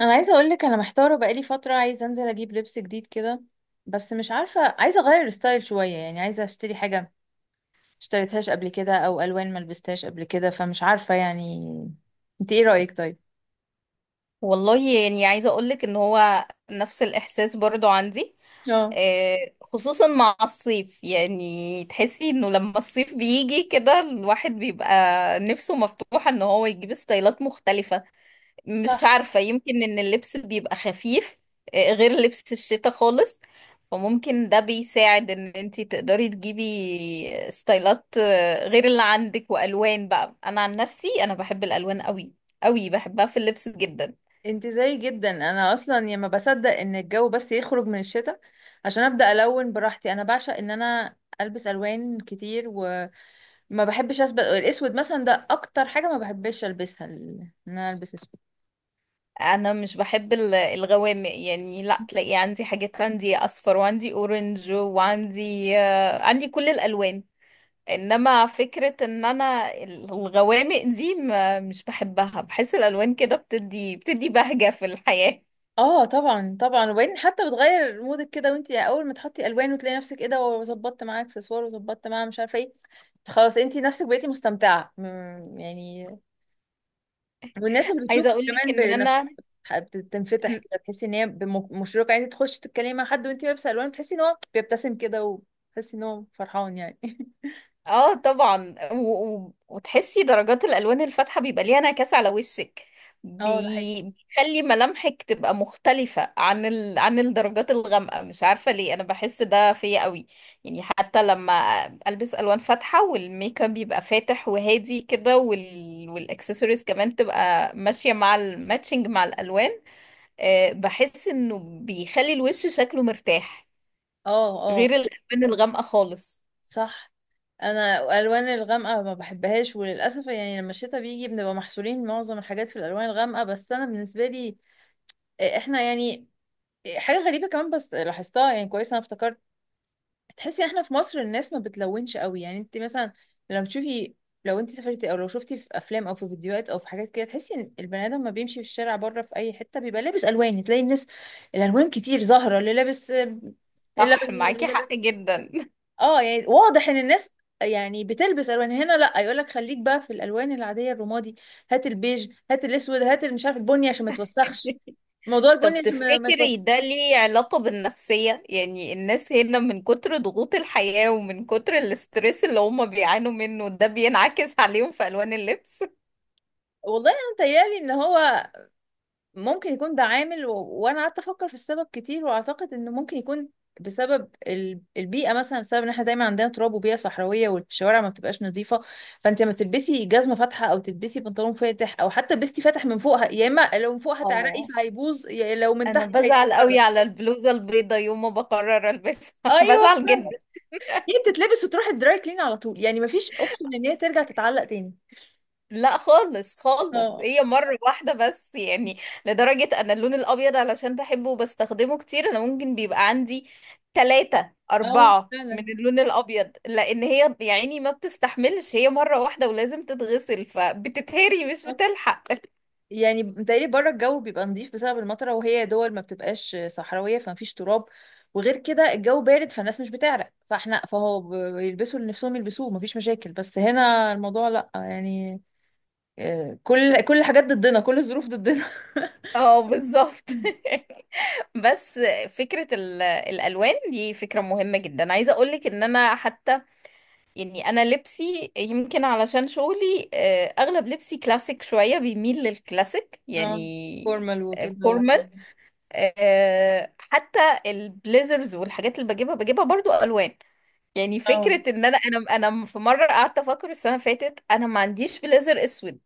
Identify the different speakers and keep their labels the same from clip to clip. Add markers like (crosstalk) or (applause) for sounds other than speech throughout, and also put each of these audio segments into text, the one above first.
Speaker 1: انا عايزه اقول لك انا محتاره بقالي فتره، عايزه انزل اجيب لبس جديد كده. بس مش عارفه، عايزه اغير ستايل شويه يعني. عايزه اشتري حاجه ما اشتريتهاش قبل كده او الوان ما لبستهاش قبل كده، فمش عارفه يعني. انت ايه رايك طيب؟
Speaker 2: والله يعني عايزة أقولك إن هو نفس الإحساس برضو عندي.
Speaker 1: اه.
Speaker 2: آه، خصوصا مع الصيف يعني تحسي إنه لما الصيف بيجي كده الواحد بيبقى نفسه مفتوحة إن هو يجيب ستايلات مختلفة. مش
Speaker 1: صح.
Speaker 2: عارفة يمكن إن اللبس بيبقى خفيف غير لبس الشتاء خالص. فممكن ده بيساعد إن انتي تقدري تجيبي ستايلات غير اللي عندك وألوان. بقى أنا عن نفسي أنا بحب الألوان قوي قوي، بحبها في اللبس جدا.
Speaker 1: انت زي جدا، انا اصلا يا ما بصدق ان الجو بس يخرج من الشتاء عشان ابدا الون براحتي. انا بعشق ان انا البس الوان كتير وما بحبش اسبق الاسود مثلا. ده اكتر حاجه ما بحبش البسها، ان انا البس اسود.
Speaker 2: انا مش بحب الغوامق، يعني لا تلاقي عندي حاجات، عندي اصفر وعندي اورنج وعندي آه، عندي كل الالوان. انما فكرة ان انا الغوامق دي مش بحبها، بحس الالوان كده بتدي بهجة في الحياة.
Speaker 1: اه طبعا طبعا. وبعدين حتى بتغير مودك كده، وانتي اول ما تحطي الوان وتلاقي نفسك ايه ده، وظبطت معاه اكسسوار وظبطت معاه مش عارفه ايه، خلاص انتي نفسك بقيتي مستمتعه يعني. والناس اللي
Speaker 2: عايزة
Speaker 1: بتشوفك
Speaker 2: اقول لك
Speaker 1: كمان
Speaker 2: ان
Speaker 1: بنفس
Speaker 2: انا.
Speaker 1: بتنفتح كده، تحسي ان هي مشرقه يعني. تخشي تتكلمي مع حد وانتي لابسه الوان، بتحسي ان هو بيبتسم كده وتحسي ان هو فرحان يعني. (laughs)
Speaker 2: اه، طبعا وتحسي درجات الالوان الفاتحه بيبقى ليها انعكاس على وشك.
Speaker 1: اه ده حقيقي.
Speaker 2: بيخلي ملامحك تبقى مختلفه عن عن الدرجات الغامقه. مش عارفه ليه انا بحس ده فيا قوي، يعني حتى لما البس الوان فاتحه والميك اب بيبقى فاتح وهادي كده والاكسسوارز كمان تبقى ماشيه مع الماتشنج مع الالوان. أه، بحس انه بيخلي الوش شكله مرتاح،
Speaker 1: اه اه.
Speaker 2: غير الالوان الغامقه خالص.
Speaker 1: صح. انا الالوان الغامقه ما بحبهاش، وللاسف يعني لما الشتاء بيجي بنبقى محصورين معظم الحاجات في الالوان الغامقه. بس انا بالنسبه لي، احنا يعني، حاجه غريبه كمان بس لاحظتها يعني كويس، انا افتكرت. تحسي احنا في مصر الناس ما بتلونش قوي يعني. انت مثلا لما تشوفي، لو انت سافرتي او لو شفتي في افلام او في فيديوهات او في حاجات كده، تحسي ان البني ادم ما بيمشي في الشارع بره في اي حته بيبقى لابس الوان. تلاقي الناس الالوان كتير ظاهره، اللي لابس
Speaker 2: صح،
Speaker 1: اللبني واللي
Speaker 2: معاكي حق
Speaker 1: لابس.
Speaker 2: جدا.
Speaker 1: اه يعني واضح ان الناس يعني بتلبس الوان. هنا لا، يقول لك خليك بقى في الالوان العاديه، الرمادي، هات البيج، هات الاسود، هات اللي مش عارف، البني عشان ما توسخش.
Speaker 2: (laughs)
Speaker 1: موضوع
Speaker 2: طب
Speaker 1: البني عشان ما
Speaker 2: تفتكري ده
Speaker 1: توسخش.
Speaker 2: ليه علاقة بالنفسية؟ يعني الناس هنا من كتر ضغوط الحياة ومن كتر الاسترس اللي هم بيعانوا منه ده بينعكس عليهم في ألوان اللبس.
Speaker 1: والله انا متهيألي ان هو ممكن يكون ده عامل، وانا قعدت افكر في السبب كتير، واعتقد انه ممكن يكون بسبب البيئه مثلا، بسبب ان احنا دايما عندنا تراب وبيئه صحراويه، والشوارع ما بتبقاش نظيفه. فانت لما تلبسي جزمه فاتحه او تلبسي بنطلون فاتح او حتى لبستي فاتح من فوقها، يا اما لو من فوق هتعرقي
Speaker 2: اه،
Speaker 1: فهيبوظ، يا لو من
Speaker 2: انا
Speaker 1: تحت
Speaker 2: بزعل قوي
Speaker 1: هيتفرج.
Speaker 2: على البلوزة البيضة يوم ما بقرر البسها. (laughs)
Speaker 1: ايوه
Speaker 2: بزعل
Speaker 1: فعلا.
Speaker 2: جدا.
Speaker 1: هي بتتلبس وتروح الدراي كلين على طول يعني، ما فيش اوبشن ان هي ترجع تتعلق تاني.
Speaker 2: لا خالص خالص،
Speaker 1: اه.
Speaker 2: هي مرة واحدة بس يعني. لدرجة أن اللون الأبيض علشان بحبه وبستخدمه كتير أنا ممكن بيبقى عندي تلاتة
Speaker 1: اه
Speaker 2: أربعة من
Speaker 1: فعلا.
Speaker 2: اللون الأبيض، لأن هي يعني ما بتستحملش، هي مرة واحدة ولازم تتغسل فبتتهري، مش بتلحق.
Speaker 1: يعني متهيألي بره الجو بيبقى نظيف بسبب المطره، وهي دول ما بتبقاش صحراويه فمفيش تراب، وغير كده الجو بارد فالناس مش بتعرق. فاحنا فهو بيلبسوا اللي نفسهم يلبسوه، مفيش مشاكل. بس هنا الموضوع لا يعني، كل الحاجات ضدنا، كل الظروف ضدنا. (laughs)
Speaker 2: اه بالظبط. (laughs) بس فكرة الألوان دي فكرة مهمة جدا، عايزة أقولك إن أنا حتى يعني انا لبسي يمكن علشان شغلي اغلب لبسي كلاسيك شوية، بيميل للكلاسيك
Speaker 1: اه.
Speaker 2: يعني.
Speaker 1: فورمال وكده
Speaker 2: فورمال. حتى البليزرز والحاجات اللي بجيبها برضو الوان. يعني
Speaker 1: اه.
Speaker 2: فكرة ان انا في مرة قعدت افكر السنة اللي فاتت انا ما عنديش بليزر اسود.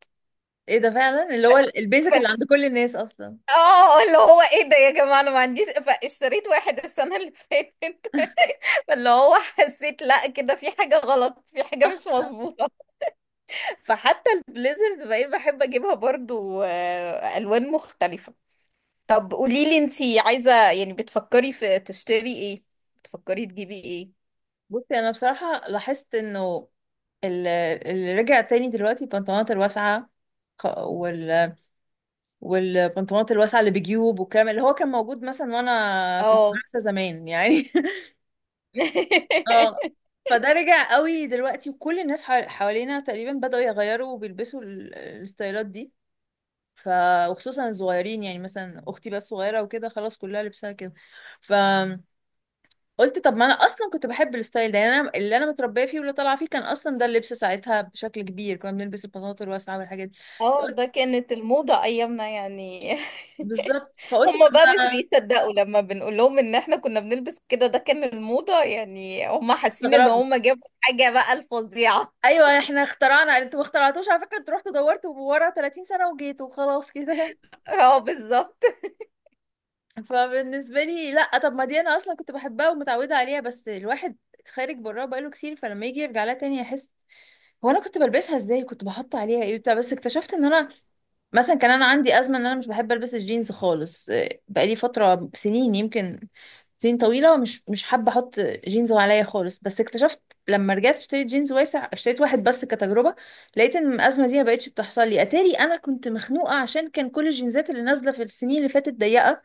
Speaker 1: ايه ده فعلا، اللي هو البيزك اللي
Speaker 2: ف-
Speaker 1: عند كل الناس اصلا.
Speaker 2: اه اللي هو ايه ده يا جماعة، انا ما عنديش، فاشتريت واحد السنة اللي فاتت. (laughs) فاللي هو حسيت لا كده في حاجة غلط، في حاجة
Speaker 1: صح
Speaker 2: مش
Speaker 1: آه.
Speaker 2: مظبوطة. فحتى البليزرز بقيت بحب اجيبها برضو الوان مختلفة. طب قوليلي انتي عايزة يعني بتفكري في تشتري ايه، بتفكري تجيبي ايه؟
Speaker 1: بصي انا بصراحه لاحظت انه ال- اللي رجع تاني دلوقتي البنطلونات الواسعه، والبنطلونات الواسعة اللي بجيوب، والكلام اللي هو كان موجود مثلا وانا في
Speaker 2: اه.
Speaker 1: المدرسة زمان يعني. (laughs) اه.
Speaker 2: (laughs)
Speaker 1: فده رجع قوي دلوقتي، وكل الناس حوالينا تقريبا بدأوا يغيروا وبيلبسوا الستايلات دي. ف، وخصوصا الصغيرين، يعني مثلا اختي بقى صغيرة وكده خلاص كلها لبسها كده. فقلت طب ما انا اصلا كنت بحب الستايل ده يعني. انا اللي انا متربيه فيه واللي طالعه فيه كان اصلا ده اللبس ساعتها، بشكل كبير كنا بنلبس البناطيل الواسعه والحاجات دي.
Speaker 2: اه
Speaker 1: فقلت
Speaker 2: ده كانت الموضة ايامنا يعني. (laughs)
Speaker 1: بالظبط، فقلت
Speaker 2: هما
Speaker 1: طب
Speaker 2: بقى مش
Speaker 1: ما
Speaker 2: بيصدقوا لما بنقول لهم ان احنا كنا بنلبس كده، ده كان الموضة، يعني هما حاسين ان
Speaker 1: استغربوا.
Speaker 2: هما جابوا حاجة بقى الفظيعة.
Speaker 1: ايوه، احنا اخترعنا، انتوا ما اخترعتوش على فكره، انتوا رحتوا دورتوا ورا 30 سنه وجيتوا وخلاص كده.
Speaker 2: (laughs) اه بالظبط.
Speaker 1: (laughs) فبالنسبه لي لا، طب ما دي انا اصلا كنت بحبها ومتعوده عليها، بس الواحد خارج براها بقاله كتير، فلما يجي يرجع لها تاني يحس هو انا كنت بلبسها ازاي، كنت بحط عليها ايه بتاع. بس اكتشفت ان انا مثلا كان انا عندي ازمه ان انا مش بحب البس الجينز خالص. بقالي فتره سنين يمكن، سنين طويله مش حابه احط جينز عليا خالص. بس اكتشفت لما رجعت اشتريت جينز واسع، اشتريت واحد بس كتجربه، لقيت ان الازمه دي ما بقتش بتحصل لي. اتاري انا كنت مخنوقه عشان كان كل الجينزات اللي نازله في السنين اللي فاتت ضيقه،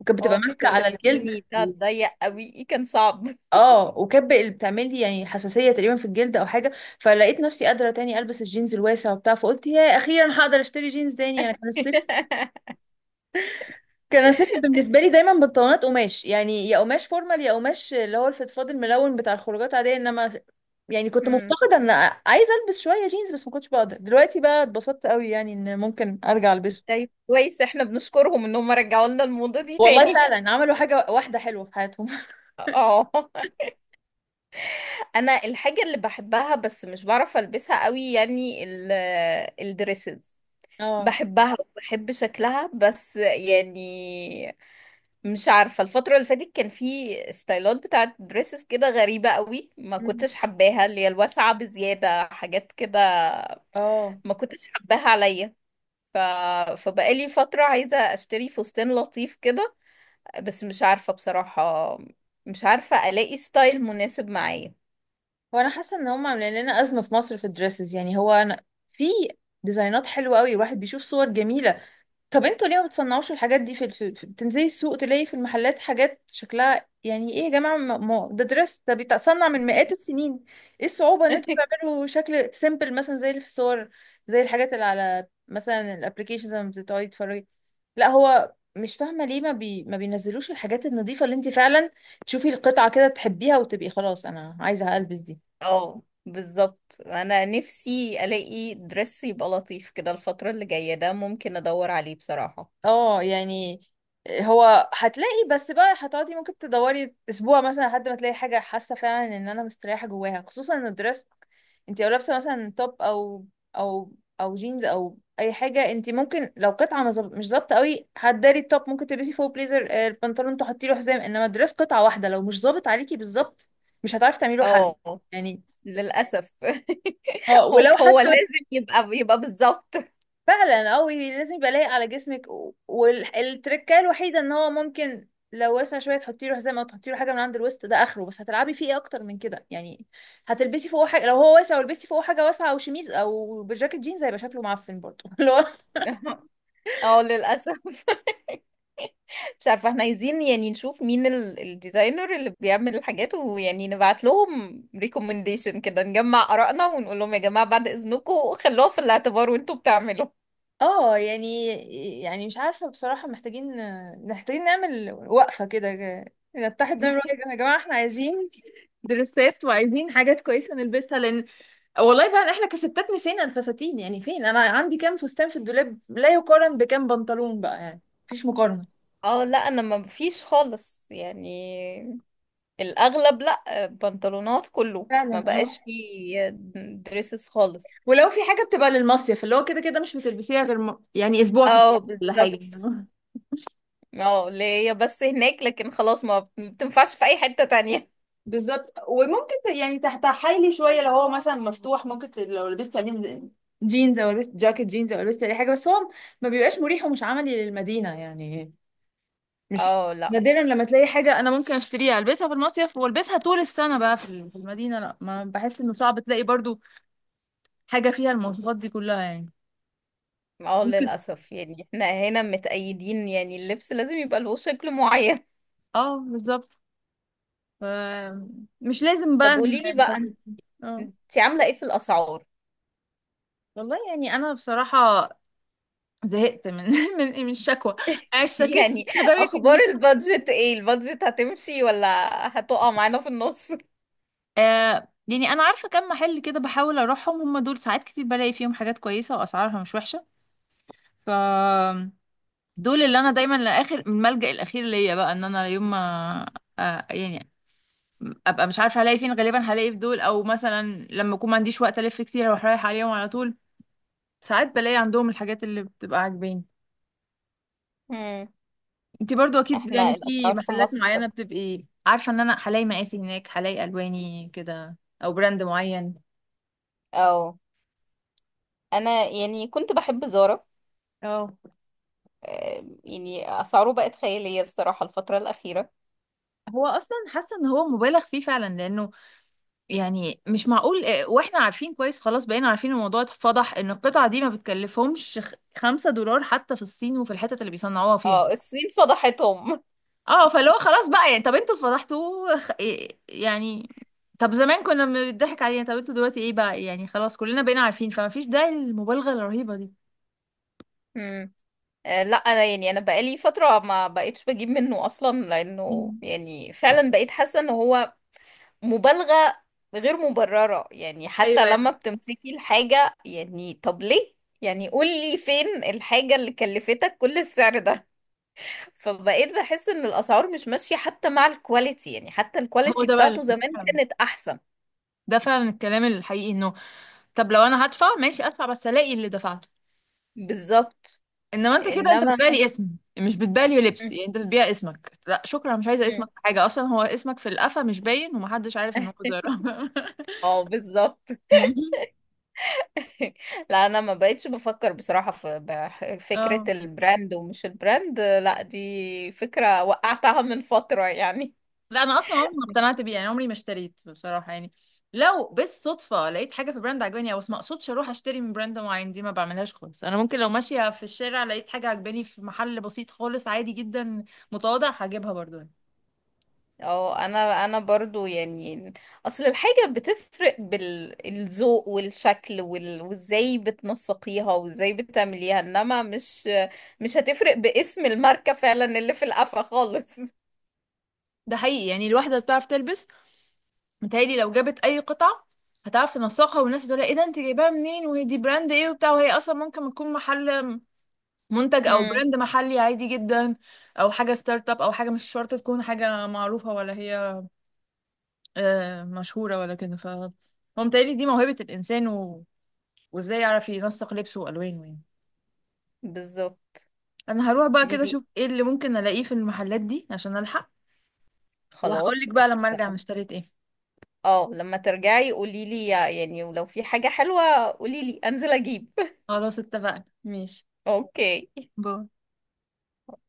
Speaker 1: وكانت بتبقى
Speaker 2: اه كانت
Speaker 1: ماسكه على الجلد.
Speaker 2: السكيني ده ضيق قوي كان صعب.
Speaker 1: اه، وكب اللي بتعمل لي يعني حساسيه تقريبا في الجلد او حاجه. فلقيت نفسي قادره تاني البس الجينز الواسع وبتاع، فقلت يا اخيرا هقدر اشتري جينز تاني. انا كان الصيف،
Speaker 2: (laughs)
Speaker 1: كان الصيف بالنسبه لي دايما بنطلونات قماش، يعني يا قماش فورمال يا قماش اللي هو الفضفاض الملون بتاع الخروجات عاديه. انما يعني كنت
Speaker 2: مم.
Speaker 1: مفتقده ان عايزه البس شويه جينز، بس ما كنتش بقدر. دلوقتي بقى اتبسطت قوي يعني ان ممكن ارجع البسه.
Speaker 2: طيب كويس، احنا بنشكرهم انهم رجعوا لنا الموضة دي
Speaker 1: والله
Speaker 2: تاني.
Speaker 1: فعلا عملوا حاجه واحده حلوه في حياتهم.
Speaker 2: اه. (laughs) انا الحاجة اللي بحبها بس مش بعرف البسها قوي يعني الدريسز.
Speaker 1: (laughs) اه.
Speaker 2: بحبها وبحب شكلها بس يعني مش عارفة، الفترة اللي فاتت كان في ستايلات بتاعت دريسز كده غريبة قوي، ما كنتش حباها، اللي هي الواسعة بزيادة حاجات كده.
Speaker 1: اه.
Speaker 2: ما كنتش حباها عليا. ف... فبقالي فترة عايزة اشتري فستان لطيف كده، بس مش عارفة بصراحة، مش عارفة ألاقي ستايل مناسب معايا.
Speaker 1: هو انا حاسه ان هم عاملين لنا ازمه في مصر في الدريسز يعني. هو انا في ديزاينات حلوه قوي الواحد بيشوف صور جميله. طب انتوا ليه ما بتصنعوش الحاجات دي في بتنزلي السوق تلاقي في المحلات حاجات شكلها يعني ايه يا جماعه، ده دريس ده بيتصنع من مئات السنين. ايه الصعوبه ان انتوا
Speaker 2: (laughs)
Speaker 1: تعملوا شكل سيمبل مثلا زي اللي في الصور، زي الحاجات اللي على مثلا الابلكيشنز لما بتقعدي تتفرجي؟ لا، هو مش فاهمه ليه ما بينزلوش الحاجات النظيفه اللي انت فعلا تشوفي القطعه كده تحبيها وتبقي خلاص انا عايزه البس دي.
Speaker 2: اه بالظبط. أنا نفسي ألاقي درس يبقى لطيف كده الفترة اللي جاية، ده ممكن أدور عليه بصراحة.
Speaker 1: اه يعني. هو هتلاقي بس بقى، هتقعدي ممكن تدوري اسبوع مثلا لحد ما تلاقي حاجه حاسه فعلا ان انا مستريحه جواها، خصوصا ان الدرess. انت لو لابسه مثلا توب او او جينز او اي حاجه، انت ممكن لو قطعه مش ظابطه قوي، هتداري التوب، ممكن تلبسي فوق بليزر، البنطلون تحطي له حزام. انما الدرس قطعه واحده، لو مش ظابط عليكي بالظبط مش هتعرفي تعملي له حل
Speaker 2: اه
Speaker 1: يعني.
Speaker 2: للأسف.
Speaker 1: اه
Speaker 2: (laughs) هو
Speaker 1: ولو
Speaker 2: هو
Speaker 1: حتى.
Speaker 2: لازم يبقى بالظبط.
Speaker 1: فعلا قوي لازم يبقى لايق على جسمك. والتركه الوحيده ان هو ممكن لو واسع شويه تحطي له حزام او تحطي له حاجه من عند الوسط، ده اخره. بس هتلعبي فيه ايه اكتر من كده يعني؟ هتلبسي فوقه حاجه؟ لو هو واسع ولبستي فوقه حاجه واسعه او شميز او بجاكيت جينز هيبقى شكله معفن برضه. (laughs) اللي هو
Speaker 2: (laughs) اه للأسف. (laughs) مش عارفة، احنا عايزين يعني نشوف مين الديزاينر اللي بيعمل الحاجات، ويعني نبعت لهم ريكومنديشن كده، نجمع آرائنا ونقول لهم يا جماعة بعد إذنكم خلوها في الاعتبار وانتوا بتعملوا.
Speaker 1: اه يعني، يعني مش عارفه بصراحه، محتاجين محتاجين نعمل وقفه كده. نتحد نعمل وقفه، يا جماعه احنا عايزين درسات، وعايزين حاجات كويسه نلبسها. لان والله فعلا احنا كستات نسينا الفساتين يعني. فين؟ انا عندي كام فستان في الدولاب لا يقارن بكام بنطلون بقى يعني، مفيش مقارنة.
Speaker 2: اه لا، انا ما فيش خالص يعني، الاغلب لا، بنطلونات كله، ما
Speaker 1: فعلا اه.
Speaker 2: بقاش فيه دريسز خالص.
Speaker 1: ولو في حاجة بتبقى للمصيف اللي هو كده كده مش بتلبسيها غير يعني اسبوع في السنة
Speaker 2: اه
Speaker 1: ولا حاجة.
Speaker 2: بالظبط.
Speaker 1: (laughs)
Speaker 2: اه، اللي هي بس هناك لكن خلاص ما بتنفعش في اي حتة تانية.
Speaker 1: بالظبط. وممكن يعني تحت حيلي شويه لو هو مثلا مفتوح، ممكن لو لبست عليه جينز او لبست جاكيت جينز او لبست اي حاجة، بس هو ما بيبقاش مريح ومش عملي للمدينة يعني. مش
Speaker 2: اه لا.
Speaker 1: نادرا لما تلاقي حاجة أنا ممكن أشتريها ألبسها في المصيف وألبسها طول السنة بقى في في المدينة. لا، ما بحس إنه صعب تلاقي برضو حاجة فيها المواصفات دي كلها يعني.
Speaker 2: اه
Speaker 1: ممكن.
Speaker 2: للاسف، يعني احنا هنا متأيدين، يعني اللبس لازم يبقى له شكل معين.
Speaker 1: اه بالظبط. ف- مش لازم بقى
Speaker 2: طب قولي لي بقى،
Speaker 1: (laughs) اه.
Speaker 2: انت عاملة ايه في الاسعار؟
Speaker 1: والله يعني أنا بصراحة زهقت من (laughs) من الشكوى. أنا
Speaker 2: (laughs)
Speaker 1: اشتكيت
Speaker 2: يعني
Speaker 1: (laughs) لدرجة
Speaker 2: اخبار
Speaker 1: إني
Speaker 2: البادجت ايه، البادجت هتمشي ولا هتقع معانا في النص؟
Speaker 1: آه يعني، أنا عارفة كم محل كده بحاول أروحهم، هم دول ساعات كتير بلاقي فيهم حاجات كويسة وأسعارها مش وحشة. ف، دول اللي انا دايما لاخر الملجأ الاخير ليا بقى، ان انا يوم ما آه يعني ابقى مش عارفه هلاقي فين، غالبا هلاقي في دول، او مثلا لما اكون ما عنديش وقت الف كتير اروح رايح عليهم على طول. ساعات بلاقي عندهم الحاجات اللي بتبقى عاجباني.
Speaker 2: (laughs)
Speaker 1: انتي برضو اكيد
Speaker 2: احنا
Speaker 1: يعني في
Speaker 2: الاسعار في
Speaker 1: محلات
Speaker 2: مصر.
Speaker 1: معينه بتبقي عارفه ان انا هلاقي مقاسي هناك، هلاقي الواني كده، او براند معين.
Speaker 2: او انا يعني كنت بحب زارا.
Speaker 1: اه.
Speaker 2: آه، يعني اسعاره بقت خيالية الصراحة الفترة الأخيرة.
Speaker 1: هو اصلا حاسه ان هو مبالغ فيه فعلا، لانه يعني مش معقول. واحنا عارفين كويس، خلاص بقينا عارفين، الموضوع اتفضح ان القطعة دي ما بتكلفهمش 5 دولار حتى في الصين وفي الحتت اللي بيصنعوها فيها.
Speaker 2: اه، الصين فضحتهم.
Speaker 1: اه فاللي هو خلاص بقى يعني، طب انتوا اتفضحتوا يعني، طب زمان كنا بنضحك علينا، طب انتوا دلوقتي ايه بقى يعني؟ خلاص كلنا بقينا عارفين، فما فيش داعي للمبالغة الرهيبة دي.
Speaker 2: (laughs) مم. آه، لا انا يعني انا بقالي فترة ما بقيتش بجيب منه اصلا،
Speaker 1: (laughs)
Speaker 2: لانه
Speaker 1: مم.
Speaker 2: يعني فعلا بقيت حاسة ان هو مبالغة غير مبررة. يعني
Speaker 1: ايوه
Speaker 2: حتى لما
Speaker 1: يعني.
Speaker 2: بتمسكي الحاجة، يعني طب ليه؟ يعني قولي فين الحاجة اللي كلفتك كل السعر ده. فبقيت بحس ان الاسعار مش ماشية حتى مع الكواليتي، يعني حتى
Speaker 1: هو
Speaker 2: الكواليتي
Speaker 1: ده بقى
Speaker 2: بتاعته زمان كانت احسن.
Speaker 1: ده فعلا الكلام الحقيقي، انه طب لو انا هدفع ماشي ادفع، بس الاقي اللي دفعته.
Speaker 2: بالظبط.
Speaker 1: انما انت كده انت
Speaker 2: انما.
Speaker 1: بتبيع لي اسم، مش بتبيع لي لبس
Speaker 2: مم.
Speaker 1: يعني. انت بتبيع اسمك، لا شكرا مش عايزه اسمك
Speaker 2: مم.
Speaker 1: في حاجه، اصلا هو اسمك في القفا مش باين، ومحدش عارف ان هو زهره. (laughs)
Speaker 2: اه بالظبط. (laughs) لا انا ما بقتش بفكر بصراحة في فكرة
Speaker 1: اه.
Speaker 2: البراند ومش البراند، لا دي فكرة وقعتها من فترة يعني.
Speaker 1: لا انا اصلا عمري ما اقتنعت بيه يعني، عمري ما اشتريت بصراحه يعني. لو بالصدفه لقيت حاجه في براند عجباني او، بس ما اقصدش اروح اشتري من براند معين، دي ما بعملهاش خالص. انا ممكن لو ماشيه في الشارع لقيت حاجه عجباني في محل بسيط خالص عادي جدا متواضع هجيبها برضو يعني.
Speaker 2: اه. انا برضو يعني اصل الحاجة بتفرق بالذوق والشكل وازاي بتنسقيها وازاي بتعمليها، انما مش هتفرق باسم الماركة، فعلا اللي في القفا خالص. (laughs)
Speaker 1: ده حقيقي يعني. الواحده بتعرف تلبس، متهيألي لو جابت اي قطعه هتعرف تنسقها، والناس تقول ايه ده انت جايباها منين وهي دي براند ايه وبتاع، وهي اصلا ممكن تكون محل منتج او
Speaker 2: امم،
Speaker 1: براند محلي عادي جدا، او حاجه ستارت اب، او حاجه مش شرط تكون حاجه معروفه ولا هي مشهوره ولا كده. ف هو متهيألي دي موهبه الانسان، وازاي يعرف ينسق لبسه والوانه يعني.
Speaker 2: بالظبط.
Speaker 1: انا هروح بقى كده
Speaker 2: ليلي،
Speaker 1: اشوف ايه اللي ممكن الاقيه في المحلات دي عشان الحق. وهقول
Speaker 2: خلاص
Speaker 1: لك بقى لما ارجع أنا
Speaker 2: اتفقنا.
Speaker 1: اشتريت ايه.
Speaker 2: اه، لما ترجعي قوليلي، يعني ولو في حاجة حلوة قوليلي انزل اجيب. (laughs)
Speaker 1: خلاص اتفقنا ماشي.
Speaker 2: اوكي.
Speaker 1: باي.